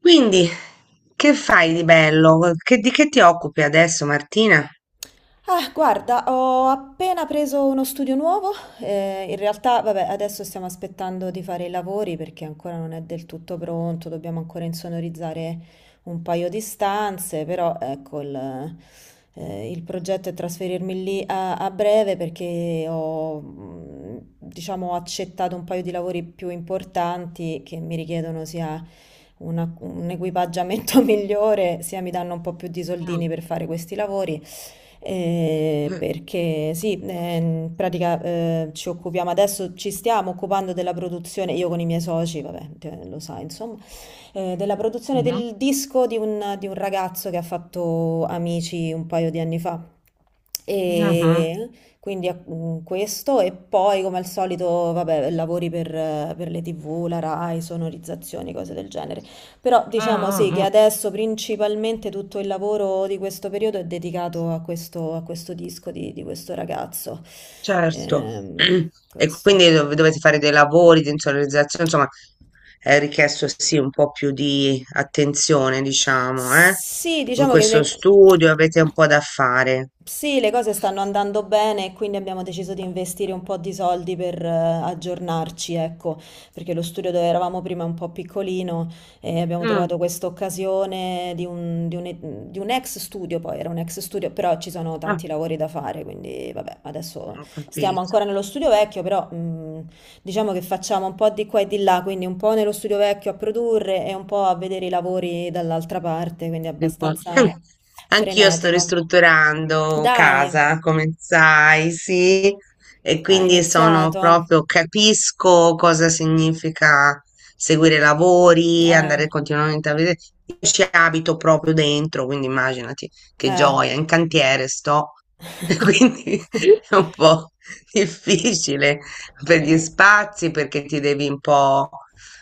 Quindi, che fai di bello? Di che ti occupi adesso, Martina? Ah, guarda, ho appena preso uno studio nuovo. In realtà, vabbè, adesso stiamo aspettando di fare i lavori perché ancora non è del tutto pronto, dobbiamo ancora insonorizzare un paio di stanze, però ecco, il progetto è trasferirmi lì a breve perché ho, diciamo, accettato un paio di lavori più importanti che mi richiedono sia un equipaggiamento migliore, sia mi danno un po' più di soldini Mm. per fare questi lavori. Eh. Perché sì, in pratica ci stiamo occupando della produzione, io con i miei soci, vabbè, lo sai, insomma, della produzione Mhm, del disco di un ragazzo che ha fatto Amici un paio di anni fa. mhm, E quindi questo e poi come al solito, vabbè, lavori per le TV, la Rai, sonorizzazioni, cose del genere. Però mm, diciamo sì mm, che mm. adesso principalmente tutto il lavoro di questo periodo è dedicato a questo disco di questo ragazzo. Certo. Ehm, Mm. E questo. quindi dovete fare dei lavori di insonorizzazione, insomma, è richiesto sì un po' più di attenzione, diciamo, eh? Sì, In diciamo che questo le... studio avete un po' da fare. Sì, le cose stanno andando bene e quindi abbiamo deciso di investire un po' di soldi per aggiornarci, ecco, perché lo studio dove eravamo prima è un po' piccolino e abbiamo Mm, trovato questa occasione di un ex studio, poi era un ex studio, però ci sono ah, tanti lavori da fare, quindi vabbè, adesso ho stiamo capito. ancora nello studio vecchio, però diciamo che facciamo un po' di qua e di là, quindi un po' nello studio vecchio a produrre e un po' a vedere i lavori dall'altra parte, quindi Di qua. Abbastanza anch'io sto frenetico. ristrutturando Dai, casa, come sai, sì, e ha quindi sono iniziato. proprio, capisco cosa significa seguire i lavori, Eh, andare continuamente a vedere. Io ci abito proprio dentro, quindi immaginati che eh. gioia, in cantiere sto, e quindi è un po' difficile per gli spazi perché ti devi un po'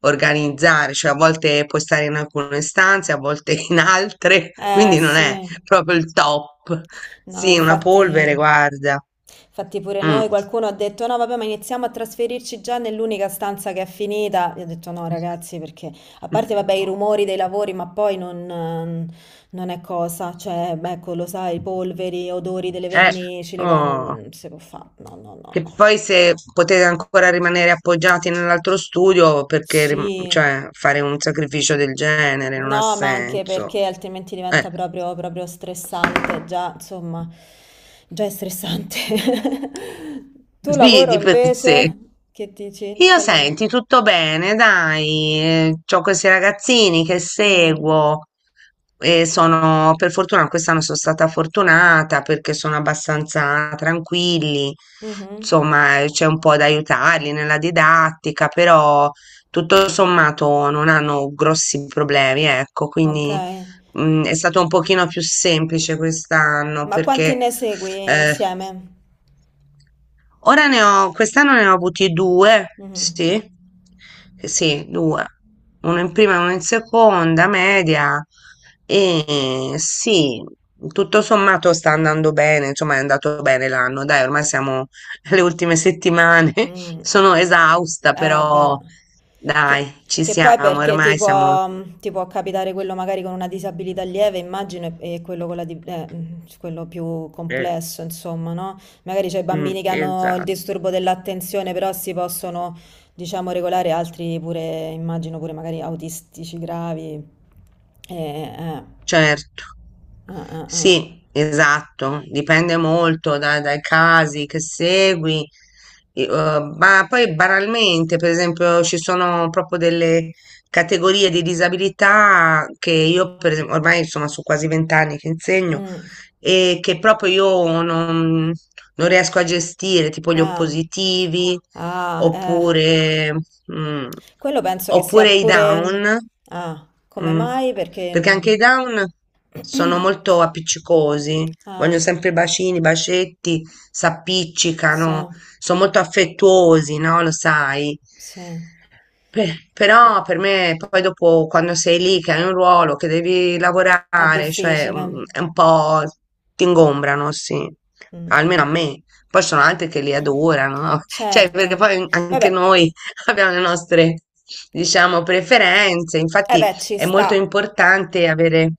organizzare, cioè a volte puoi stare in alcune stanze, a volte in altre, Eh quindi non è sì. proprio il top. No, Sì, una infatti, polvere, guarda. infatti pure Mm. noi qualcuno ha detto no, vabbè, ma iniziamo a trasferirci già nell'unica stanza che è finita. Io ho detto no, ragazzi, perché a parte, vabbè, i rumori dei lavori, ma poi non, non è cosa. Cioè, beh, ecco, lo sai, polveri, odori delle Eh, vernici, le cose, oh. non si può fare. No, no, no, Che no. poi se potete ancora rimanere appoggiati nell'altro studio, perché Sì. Cioè, fare un sacrificio del genere non ha No, ma anche senso. perché altrimenti Eh, diventa proprio stressante, già, insomma, già è stressante. Tu sì, lavoro di per sé. invece, che dici? Io senti, tutto bene, dai, ho questi ragazzini che Mm, seguo e sono, per fortuna, quest'anno sono stata fortunata perché sono abbastanza tranquilli, mhm, insomma, c'è un po' da aiutarli nella didattica, però tutto sommato non hanno grossi problemi, ecco, ok, quindi è stato un pochino più semplice quest'anno ma quanti perché... ne segui eh, insieme? ora ne ho, quest'anno ne ho avuti due, Mhm. sì, sì, due, uno in prima e uno in seconda, media, e sì, tutto sommato sta andando bene, insomma è andato bene l'anno, dai, ormai siamo alle ultime settimane, Mm. sono esausta, Eh beh, però che, dai, ci che poi siamo, ormai siamo... ti può capitare quello magari con una disabilità lieve, immagino, e quello, con la quello più eh, complesso, insomma, no? Magari c'è i mm, bambini che hanno il esatto. disturbo dell'attenzione, però si possono, diciamo, regolare, altri pure, immagino pure magari autistici gravi. Eh, eh. Certo. Ah, ah, ah. Sì, esatto, dipende molto dai casi che segui, e, ma poi banalmente, per esempio, ci sono proprio delle categorie di disabilità che io, per esempio, ormai insomma sono quasi 20 anni che insegno Mm. e che proprio io non, non riesco a gestire, tipo gli Ah, oppositivi, ah, eh. oppure, mm, Quello penso che sia oppure i pure... down, Ah, come mm, mai? Perché... perché anche i down sono molto appiccicosi, vogliono Ah, sempre bacini, bacetti, sì, s'appiccicano, sono molto affettuosi, no? Lo sai. sì. È, Però per me, poi dopo, quando sei lì, che hai un ruolo, che devi è lavorare, cioè difficile. È un po' ti ingombrano, sì, Mm. almeno a me. Poi ci sono altri che li adorano, no? Cioè, perché Certo. poi anche Vabbè, noi abbiamo le nostre, diciamo, preferenze. eh Infatti beh, ci è sta. molto importante avere,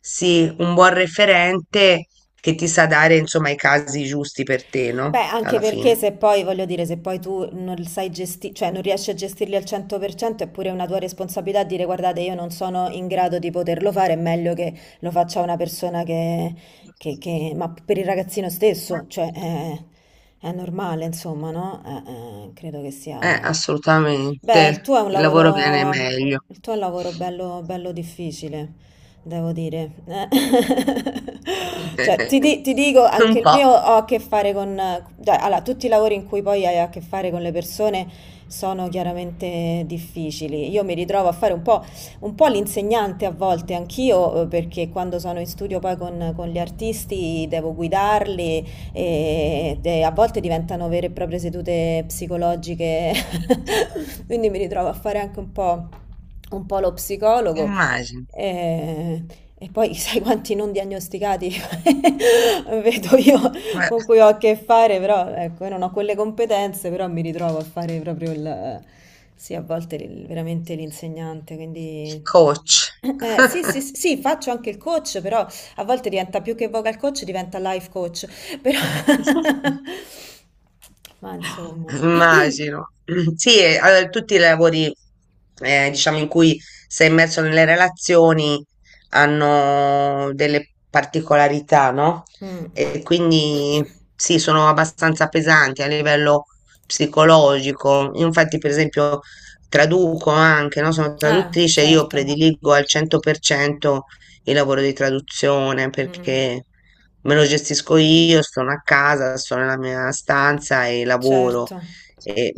sì, un buon referente che ti sa dare, insomma, i casi giusti per te, Beh, no? anche Alla perché fine. se poi, voglio dire, se poi tu non sai gestire, cioè non riesci a gestirli al 100%, è pure una tua responsabilità dire guardate, io non sono in grado di poterlo fare, è meglio che lo faccia una persona che, ma per il ragazzino Ma- stesso, è normale, insomma, no? Credo che sia. Beh, il assolutamente. tuo è un Il lavoro viene lavoro, meglio. il tuo è un lavoro bello, bello difficile, devo dire. Cioè, ti dico, Un anche il po', mio ho a che fare con... cioè, allora, tutti i lavori in cui poi hai a che fare con le persone sono chiaramente difficili. Io mi ritrovo a fare un po' l'insegnante a volte, anch'io, perché quando sono in studio poi con gli artisti devo guidarli e a volte diventano vere e proprie sedute psicologiche, quindi mi ritrovo a fare anche un po' lo psicologo. immagino. E, e poi sai quanti non diagnosticati vedo io Beh, con cui ho a che fare, però ecco, io non ho quelle competenze, però mi ritrovo a fare proprio il, sì, a volte veramente l'insegnante, quindi coach. Sì, sì, sì, sì, faccio anche il coach, però a volte diventa più che vocal coach, diventa life coach, però... Ma insomma... Immagino. Sì, e, allora, tutti i lavori, diciamo, in cui sei immerso nelle relazioni hanno delle particolarità, no? Mm. E quindi sì, sono abbastanza pesanti a livello psicologico. Infatti, per esempio, traduco anche, no? Sono Ah, traduttrice, io certo. prediligo al 100% il lavoro di traduzione Mm, perché me lo gestisco io, sono a casa, sono nella mia stanza e lavoro. certo. E,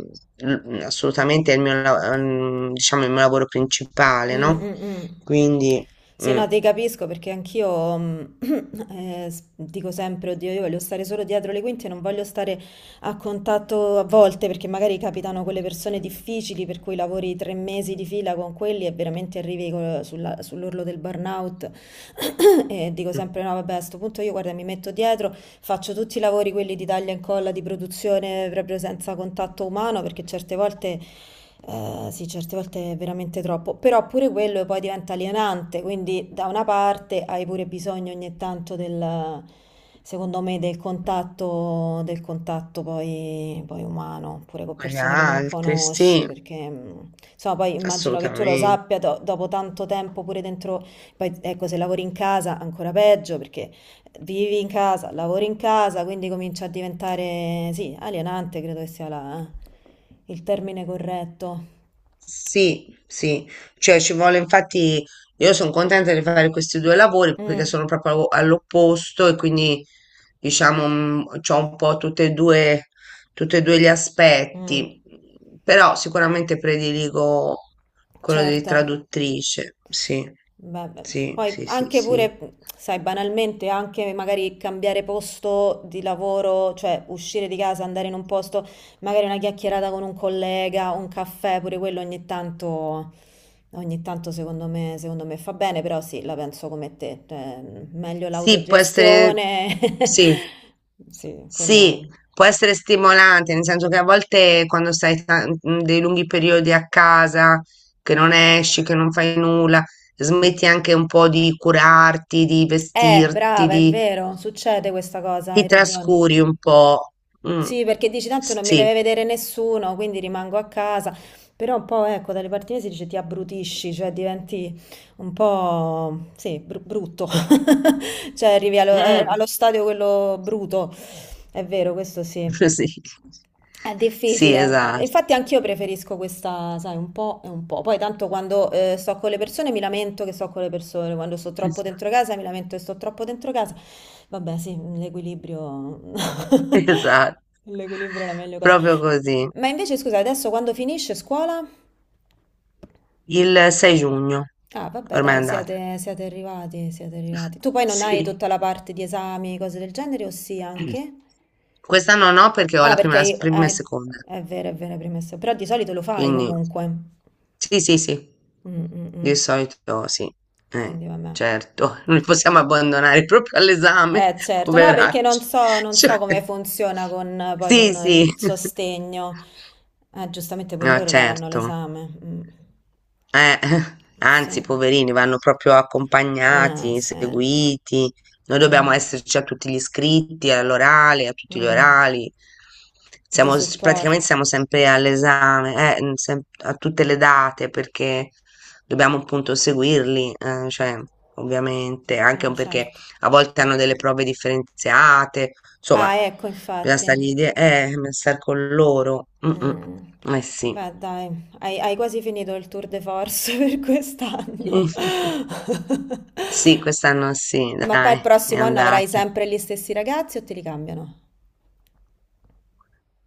assolutamente è il mio, diciamo, il mio lavoro principale, Mm, no? mm, mm. Quindi, Sì, mm, no, ti capisco perché anch'io dico sempre, oddio, io voglio stare solo dietro le quinte, non voglio stare a contatto a volte, perché magari capitano quelle persone difficili per cui lavori tre mesi di fila con quelli e veramente arrivi sull'orlo del burnout. E dico con sempre no, vabbè, a sto punto io guarda, mi metto dietro, faccio tutti i lavori quelli di taglia e incolla, di produzione proprio senza contatto umano, perché certe volte sì, certe volte è veramente troppo, però pure quello poi diventa alienante, quindi da una parte hai pure bisogno ogni tanto del. Secondo me del contatto, poi umano, pure con gli persone che non altri, conosci, sì, perché insomma poi immagino che tu lo assolutamente. sappia dopo tanto tempo pure dentro, poi ecco se lavori in casa ancora peggio perché vivi in casa, lavori in casa, quindi comincia a diventare, sì, alienante credo che sia il termine corretto. Sì, sì, cioè ci vuole infatti io sono contenta di fare questi due lavori perché Mm, sono proprio all'opposto e quindi diciamo ho un po' tutte e due, tutti e due gli mm, aspetti, però sicuramente prediligo quello di certo. traduttrice, sì, Beh, beh, sì, poi sì, sì, anche sì. pure, sai, banalmente, anche magari cambiare posto di lavoro, cioè uscire di casa, andare in un posto, magari una chiacchierata con un collega, un caffè, pure quello ogni tanto, secondo me, fa bene, però sì, la penso come te, cioè, meglio Sì, può essere, l'autogestione. sì, Sì, quello. sì, può essere stimolante, nel senso che a volte quando stai dei lunghi periodi a casa, che non esci, che non fai nulla, smetti anche un po' di curarti, di vestirti, Brava, è di, vero, succede questa cosa, ti hai ragione. trascuri un po'. Mm. Sì, perché dici tanto non mi Sì. deve vedere nessuno, quindi rimango a casa. Però un po', ecco, dalle parti mie si dice ti abbrutisci, cioè diventi un po', sì, brutto. Cioè arrivi allo, Mm. allo stadio quello bruto. È vero, questo sì. Sì, È sì, difficile. Infatti esatto, anch'io preferisco questa, sai, un po' e un po'. Poi tanto quando sto con le persone mi lamento che sto con le persone, quando sto troppo dentro casa mi lamento che sto troppo dentro casa. Vabbè, sì, l'equilibrio... esatto, L'equilibrio è la meglio cosa. proprio così. Ma invece scusa, adesso quando finisce scuola? Il 6 giugno, Ah, vabbè, ormai è dai, andata. Siete arrivati, siete arrivati. Tu poi non hai Sì. tutta la parte di esami, cose del genere, o sì Mm. anche? Quest'anno no perché ho Ah, la perché prima, prima e seconda, è vero, hai premesso. Però di solito lo fai quindi comunque. sì, sì, sì, Mm, mm, di mm. solito sì, eh, Quindi vabbè. certo, non li possiamo abbandonare proprio all'esame, Eh certo, no, perché non poveracci. so, non Cioè, so come funziona con, poi sì, con sì, il sostegno. Giustamente pure no, loro daranno certo. l'esame. Mm. Eh, Sì. anzi, poverini, vanno proprio Ah, accompagnati, sì. seguiti. Noi dobbiamo Mm. esserci a tutti gli iscritti, all'orale, a tutti gli Mm. orali. Di Siamo, praticamente supporto. siamo sempre all'esame, a tutte le date, perché dobbiamo appunto seguirli, cioè, ovviamente, anche Ah, perché certo. a volte hanno delle prove differenziate, insomma, Ah, ecco, bisogna infatti. stargli, bisogna star con loro. Mm, Mm. mm. Eh sì. Beh, dai, hai, hai quasi finito il tour de force per quest'anno. Sì, quest'anno sì, Ma poi il dai, è prossimo anno avrai andata. sempre gli stessi ragazzi o te li cambiano?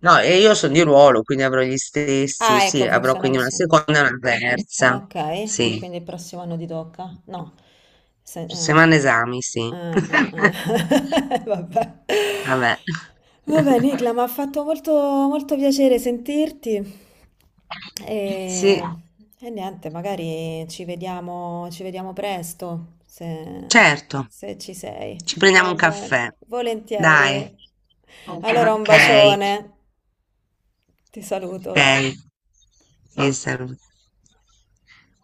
No, e io sono di ruolo, quindi avrò gli stessi, Ah, ecco, sì, avrò funziona quindi una così. seconda e una terza. Okay, e Sì, quindi il prossimo anno ti tocca? No. Se settimana esami, sì. Eh, eh, eh. Vabbè. Vabbè. Vabbè, Nicla, mi ha fatto molto piacere sentirti. Sì, E, e niente, magari ci vediamo presto, se, certo. se ci sei. Ci prendiamo Va un caffè. bene, Dai. volentieri. Allora un Ok, bacione, ti saluto. ok. Ti saluto.